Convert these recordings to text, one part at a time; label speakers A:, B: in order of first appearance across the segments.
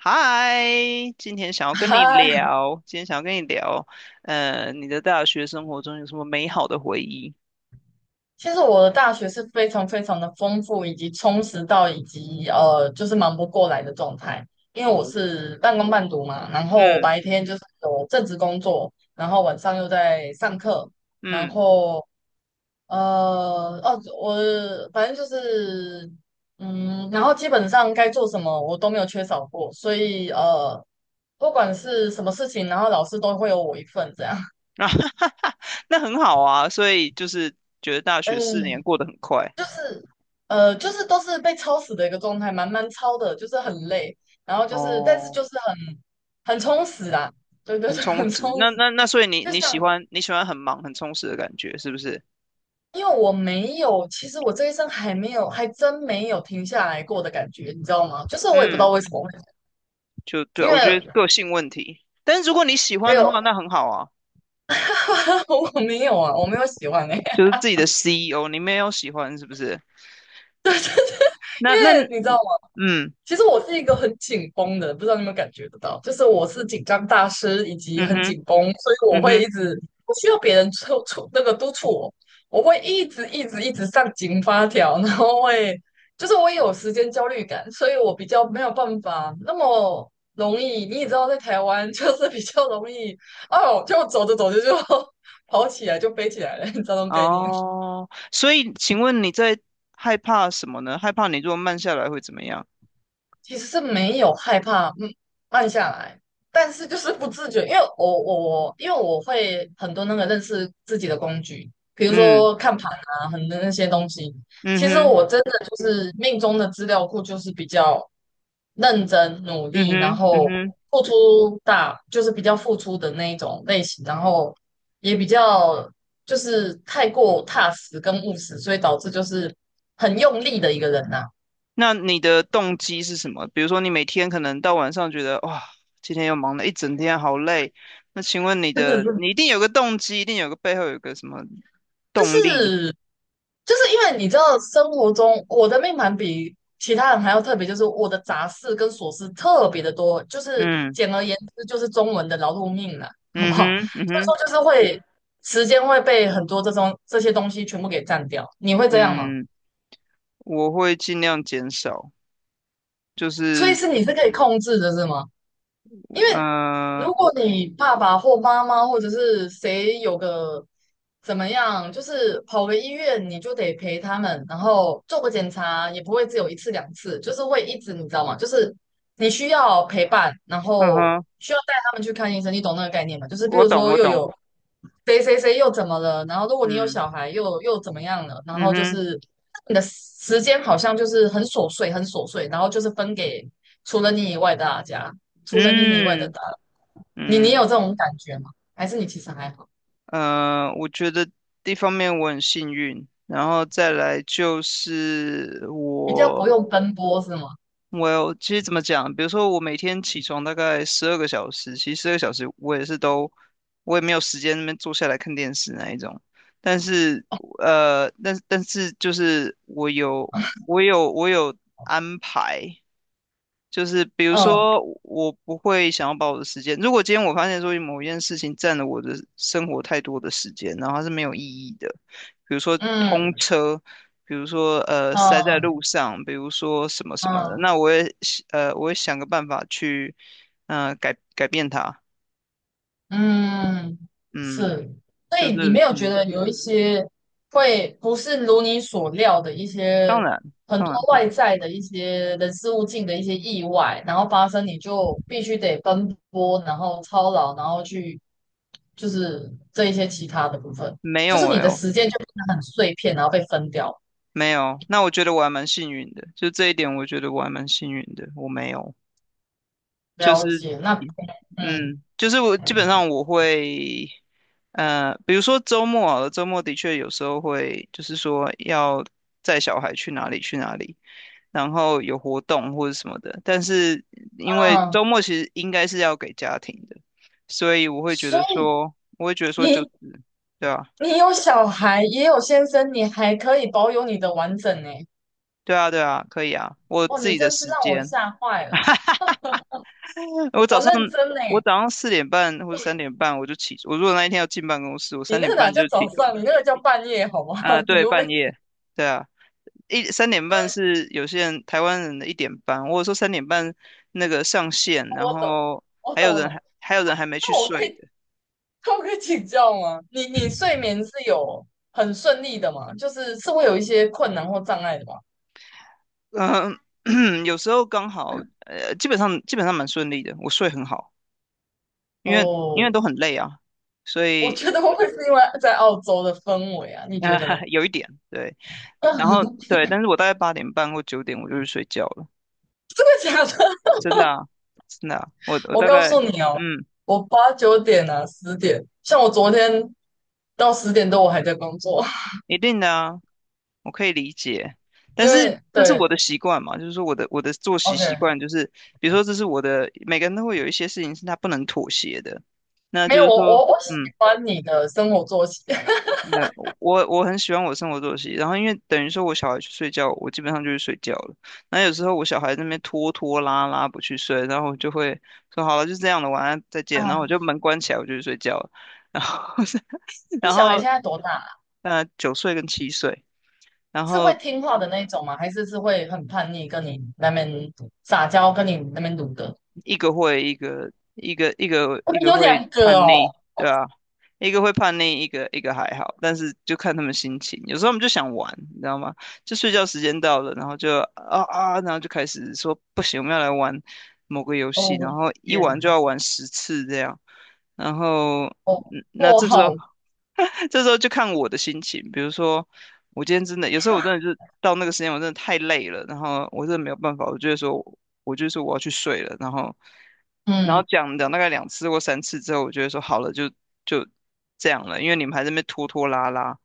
A: 嗨，
B: 嗨，
A: 今天想要跟你聊，你的大学生活中有什么美好的回忆？
B: 其实我的大学是非常的丰富，以及充实到就是忙不过来的状态。因为我
A: 哦，
B: 是半工半读嘛，然后我
A: 嗯
B: 白天就是有正职工作，然后晚上又在上课，然
A: 嗯，
B: 后呃，哦，我反正就是嗯，然后基本上该做什么我都没有缺少过，所以不管是什么事情，然后老师都会有我一份这样。
A: 啊，那很好啊，所以就是觉得大学4年
B: 哎，
A: 过得很快，
B: 就是就是都是被超死的一个状态，蛮超的，就是很累，然后就是但是
A: 哦，
B: 就是很充实啦。对对
A: 很
B: 对，
A: 充
B: 很
A: 实。
B: 充
A: 那
B: 实。
A: 那那，所以你
B: 就
A: 你喜
B: 像
A: 欢你喜欢很忙很充实的感觉，是不是？
B: 因为我没有，其实我这一生还没有，还真没有停下来过的感觉，你知道吗？就是我也不知道
A: 嗯，
B: 为什么，
A: 就对，
B: 因
A: 我
B: 为
A: 觉得个性问题。但是如果你喜
B: 没
A: 欢的
B: 有
A: 话，那很好啊，
B: 我没有啊，我没有喜欢哎、
A: 就是自己的 CEO，你没有喜欢是不是？
B: 因
A: 那
B: 为你知道。
A: 嗯
B: 其实我是一个很紧绷的，不知道你有没有感觉得到，就是我是紧张大师，以及
A: 嗯
B: 很
A: 哼。
B: 紧绷，所以我
A: 嗯
B: 会一
A: 哼，
B: 直不需要别人促促那个督促我，我会一直上紧发条，然后会就是我也有时间焦虑感，所以我比较没有办法那么容易，你也知道在台湾 就是比较容易哦，就走着走着就 跑起来就飞起来了，你知道这种概念。
A: 哦，所以请问你在害怕什么呢？害怕你如果慢下来会怎么样？
B: 其实是没有害怕，嗯，慢下来，但是就是不自觉，因为我会很多那个认识自己的工具，比如
A: 嗯
B: 说看盘啊，很多那些东西。
A: 嗯
B: 其实
A: 哼
B: 我真的就是命中的资料库，就是比较认真努
A: 嗯
B: 力，然
A: 哼嗯
B: 后
A: 哼，
B: 付出大，就是比较付出的那一种类型，然后也比较就是太过踏实跟务实，所以导致就是很用力的一个人呐、
A: 那你的动机是什么？比如说你每天可能到晚上觉得哇，今天又忙了一整天，好累。那请问你
B: 真的
A: 的，
B: 是。
A: 你一定有个动机，一定有个背后有个什么
B: 就
A: 动力？
B: 是就是因为你知道，生活中我的命盘比其他人还要特别，就是我的杂事跟琐事特别的多，就是
A: 嗯
B: 简而言之，就是中文的劳碌命了，好不
A: 嗯
B: 好？
A: 哼嗯
B: 所以
A: 哼
B: 说就是会时间会被很多这种这些东西全部给占掉，你会这样吗？
A: 嗯，我会尽量减少，就
B: 所以
A: 是
B: 是你是可以控制的，是吗？因为
A: 呃，
B: 如果
A: 我
B: 你爸爸或妈妈或者是谁有个怎么样，就是跑个医院，你就得陪他们，然后做个检查，也不会只有一次两次，就是会一直，你知道吗？就是你需要陪伴，然
A: 嗯
B: 后
A: 哼，
B: 需要带他们去看医生，你懂那个概念吗？就是比
A: 我
B: 如
A: 懂
B: 说
A: 我
B: 又
A: 懂，
B: 有谁谁谁又怎么了，然后如果你有
A: 嗯
B: 小孩又怎么样了，然
A: 嗯
B: 后就
A: 哼。
B: 是你的时间好像就是很琐碎，很琐碎，然后就是分给除了你以外的大家。除了你以外的
A: 嗯
B: 打扰，你你有
A: 嗯
B: 这种感觉吗？还是你其实还好，
A: 呃，我觉得一方面我很幸运，然后再来就是
B: 比较不
A: 我，
B: 用奔波是吗？
A: 其实怎么讲，比如说我每天起床大概十二个小时，其实十二个小时我也是都，我也没有时间那边坐下来看电视那一种，但是但是就是我有安排，就是比如
B: 嗯
A: 说，我不会想要把我的时间，如果今天我发现说某一件事情占了我的生活太多的时间，然后它是没有意义的，比如说通
B: 嗯
A: 车，比如说塞在
B: 嗯
A: 路上，比如说什么什么的，
B: 嗯
A: 那我也我会想个办法去改变它，
B: 嗯，
A: 嗯，
B: 是。所
A: 就
B: 以你没
A: 是
B: 有觉得有一些会不是如你所料的一
A: 当
B: 些
A: 然
B: 很
A: 当然
B: 多
A: 会，
B: 外在的一些人事物境的一些意外，然后发生，你就必须得奔波，然后操劳，然后去就是这一些其他的部分，
A: 没
B: 就是
A: 有
B: 你
A: 哎、
B: 的时间就变得很碎片，然后被分掉。
A: 没有，那我觉得我还蛮幸运的，就这一点，我觉得我还蛮幸运的，我没有。就
B: 了
A: 是
B: 解。那嗯
A: 就是我基本上我会，比如说周末好了周末的确有时候会，就是说要载小孩去哪里去哪里，然后有活动或者什么的。但是因为
B: 嗯，
A: 周末其实应该是要给家庭的，所以
B: 所以
A: 我会觉得说就
B: 你
A: 是，对啊，
B: 有小孩，也有先生，你还可以保有你的完整呢。
A: 对啊，对啊，可以啊，我有
B: 哦，
A: 自
B: 你
A: 己的
B: 真是
A: 时
B: 让我
A: 间。
B: 吓坏了。
A: 我早
B: 我
A: 上
B: 认真呢，
A: 我早上4点半或者三点半我就起，我如果那一天要进办公室，我
B: 你
A: 三
B: 那
A: 点
B: 个哪
A: 半
B: 叫
A: 就
B: 早
A: 起床。
B: 上，你那个叫半夜，好不好？
A: 啊，
B: 你
A: 对，
B: 又被
A: 半夜，对啊，三点半是有些人台湾人的1点半，或者说三点半那个上线，然
B: 我懂，
A: 后
B: 我懂了。
A: 还有人还没去
B: 那我可
A: 睡
B: 以，
A: 的，
B: 那我可以请教吗？你你睡眠是有很顺利的吗？就是是会有一些困难或障碍的吗？
A: 嗯、有时候刚好，基本上蛮顺利的，我睡很好，因为
B: 哦，
A: 都很累啊，所
B: 我
A: 以
B: 觉得会不会是因为在澳洲的氛围啊？你
A: 呃
B: 觉得呢？
A: 有一点对，然后对，但是我大概8点半或9点我就去睡觉了，
B: 真的假的？
A: 真的啊，真的啊我
B: 我
A: 大
B: 告
A: 概
B: 诉你哦，
A: 嗯，
B: 我八九点啊，十点，像我昨天到十点多我还在工作，
A: 一定的啊，我可以理解，但
B: 因
A: 是
B: 为
A: 这是
B: 对
A: 我的习惯嘛，就是说我的作息习惯
B: ，OK，
A: 就是，比如说这是我的，每个人都会有一些事情是他不能妥协的，那
B: 没
A: 就
B: 有
A: 是
B: 我
A: 说，
B: 我我喜欢你的生活作息
A: 那我很喜欢我的生活作息，然后因为等于说我小孩去睡觉，我基本上就去睡觉了，那有时候我小孩在那边拖拖拉拉不去睡，然后我就会说好了，就这样了，晚安，再见，然后我
B: 啊。
A: 就门关起来，我就去睡觉了，然后
B: 你
A: 然
B: 小孩现
A: 后
B: 在多大了？
A: 9岁跟7岁。然
B: 是
A: 后
B: 会听话的那一种吗？还是是会很叛逆，跟你那边撒娇，跟你那边撸的？
A: 一个会一个一个一个
B: 我
A: 一
B: 们
A: 个
B: 有
A: 会
B: 两个
A: 叛逆，
B: 哦，
A: 对啊，一个会叛逆，一个还好，但是就看他们心情。有时候我们就想玩，你知道吗？就睡觉时间到了，然后就啊啊，然后就开始说不行，我们要来玩某个游
B: 哦，
A: 戏，
B: 我
A: 然
B: 的
A: 后一
B: 天
A: 玩就
B: 哪，
A: 要玩10次这样。然后
B: 哦，
A: 嗯那
B: 哦，
A: 这时
B: 好，
A: 候 这时候就看我的心情，比如说我今天真的有时候我真的就是到那个时间我真的太累了，然后我真的没有办法，我就说我要去睡了，然后
B: 嗯，
A: 讲讲大概2次或3次之后，我觉得说好了，就这样了，因为你们还在那边拖拖拉拉。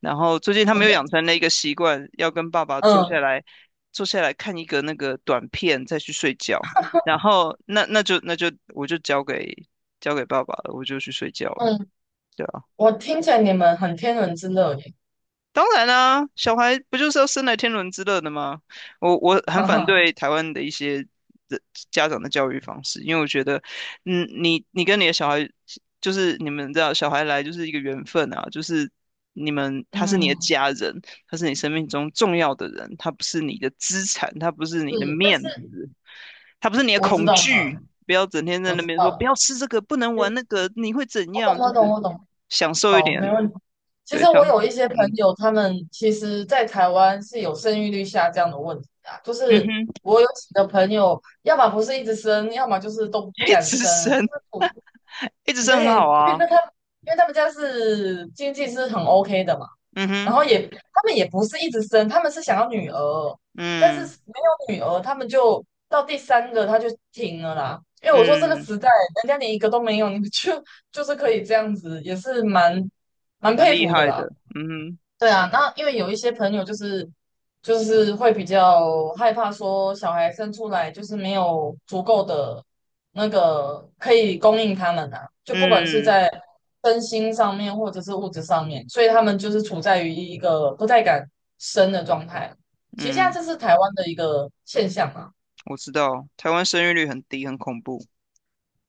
A: 然后最近他
B: 我
A: 们又
B: 觉
A: 养
B: 得，
A: 成了一个习惯，要跟爸爸
B: 嗯
A: 坐下来看一个那个短片，再去睡觉。然后那就我就交给爸爸了，我就去睡觉了。
B: 嗯，
A: 对啊
B: 我听起来你们很天伦之乐耶，
A: 当然啦，小孩不就是要生来天伦之乐的吗？我 很
B: 哈
A: 反
B: 哈，
A: 对台湾的一些的家长的教育方式，因为我觉得，你跟你的小孩，就是你们知道，小孩来就是一个缘分啊，就是你们他是你的
B: 嗯，
A: 家人，他是你生命中重要的人，他不是你的资产，他不是你的
B: 是，但是。
A: 面子，他不是你的
B: 我知
A: 恐
B: 道，
A: 惧，不要整天在
B: 我
A: 那
B: 知
A: 边说不要
B: 道，
A: 吃这个，不能玩
B: 对，
A: 那个，你会怎
B: 我懂，
A: 样？就
B: 我懂，
A: 是
B: 我懂。
A: 享受一
B: 好，
A: 点，
B: 没问题。其实
A: 对，
B: 我有一些朋
A: 嗯
B: 友，他们其实在台湾是有生育率下降的问题啊。就
A: 嗯
B: 是
A: 哼。
B: 我有几个朋友，要么不是一直生，要么就是都 不
A: 一
B: 敢
A: 直
B: 生。
A: 升，
B: 我
A: 一直
B: 有
A: 升很
B: 点，
A: 好啊，
B: 因为他们家是经济是很 OK 的嘛。
A: 嗯哼，
B: 然后也他们也不是一直生，他们是想要女儿，但是
A: 嗯
B: 没有女儿，他们就到第三个他就停了啦。因为我说这个
A: 嗯，
B: 时代，人家连一个都没有，你们就就是可以这样子，也是蛮
A: 蛮
B: 佩
A: 厉
B: 服的
A: 害
B: 啦。
A: 的，嗯哼，
B: 对啊，那因为有一些朋友就是会比较害怕说小孩生出来就是没有足够的那个可以供应他们啊，就不管是
A: 嗯
B: 在身心上面或者是物质上面，所以他们就是处在于一个不太敢生的状态。其实现在
A: 嗯，
B: 这是台湾的一个现象啊。
A: 我知道，台湾生育率很低，很恐怖，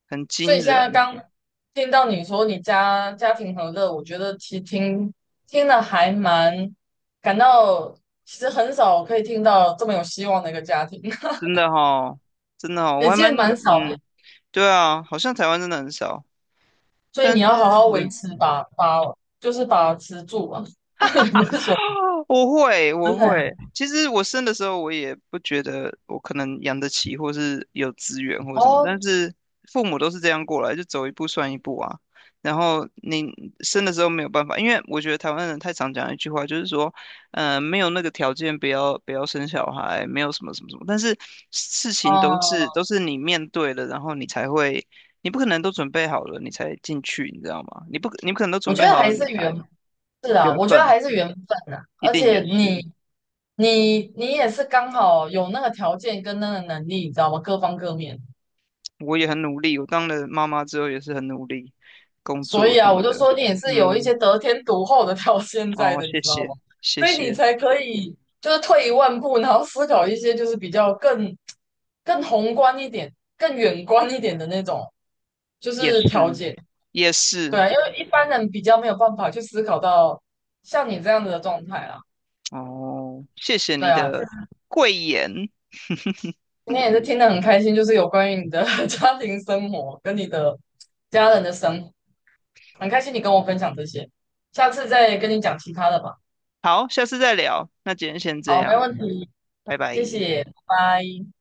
A: 很
B: 所以
A: 惊
B: 现在
A: 人，
B: 刚听到你说你家家庭和乐，我觉得其实听了还蛮感到，其实很少可以听到这么有希望的一个家庭，
A: 真的哈，真的哈，我
B: 也
A: 还
B: 其
A: 蛮，
B: 实蛮少的。
A: 对啊，好像台湾真的很少，
B: 所以
A: 但
B: 你
A: 是，
B: 要好好维
A: 嗯
B: 持就是把持住啊，也不是说
A: 我会，
B: 真
A: 我
B: 的呀、
A: 会。其实我生的时候，我也不觉得我可能养得起，或是有资源或什么。
B: 哦，
A: 但是父母都是这样过来，就走一步算一步啊。然后你生的时候没有办法，因为我觉得台湾人太常讲一句话，就是说，没有那个条件，不要生小孩，没有什么什么什么。但是事情都是都
B: 嗯，
A: 是你面对了，然后你才会，你不可能都准备好了，你才进去，你知道吗？你不可能都
B: 我
A: 准
B: 觉
A: 备
B: 得
A: 好了，
B: 还
A: 你
B: 是缘
A: 才
B: 是啊，
A: 缘
B: 我觉得
A: 分
B: 还是缘分啊，
A: 一
B: 而
A: 定也
B: 且你
A: 是。
B: 你你也是刚好有那个条件跟那个能力，你知道吗？各方各面。
A: 我也很努力，我当了妈妈之后也是很努力工
B: 所
A: 作
B: 以
A: 什
B: 啊，我
A: 么
B: 就
A: 的。
B: 说你也是有一
A: 嗯，
B: 些得天独厚的 到现在
A: 哦，
B: 的，你
A: 谢
B: 知道吗？
A: 谢，谢
B: 所以你
A: 谢，
B: 才可以就是退一万步，然后思考一些就是比较更宏观一点、更远观一点的那种，就
A: 也
B: 是条
A: 是，
B: 件。
A: 也
B: 对
A: 是，
B: 啊，因为一般人比较没有办法去思考到像你这样子的状态啦。
A: 哦，谢谢
B: 对
A: 你
B: 啊，就
A: 的
B: 是
A: 贵言。
B: 今天也是听得很开心，就是有关于你的 家庭生活跟你的家人的生活，很开心你跟我分享这些，下次再跟你讲其他的吧。
A: 好，下次再聊，那今天先这
B: 好，没
A: 样，
B: 问题。
A: 拜拜。
B: 谢谢，拜拜。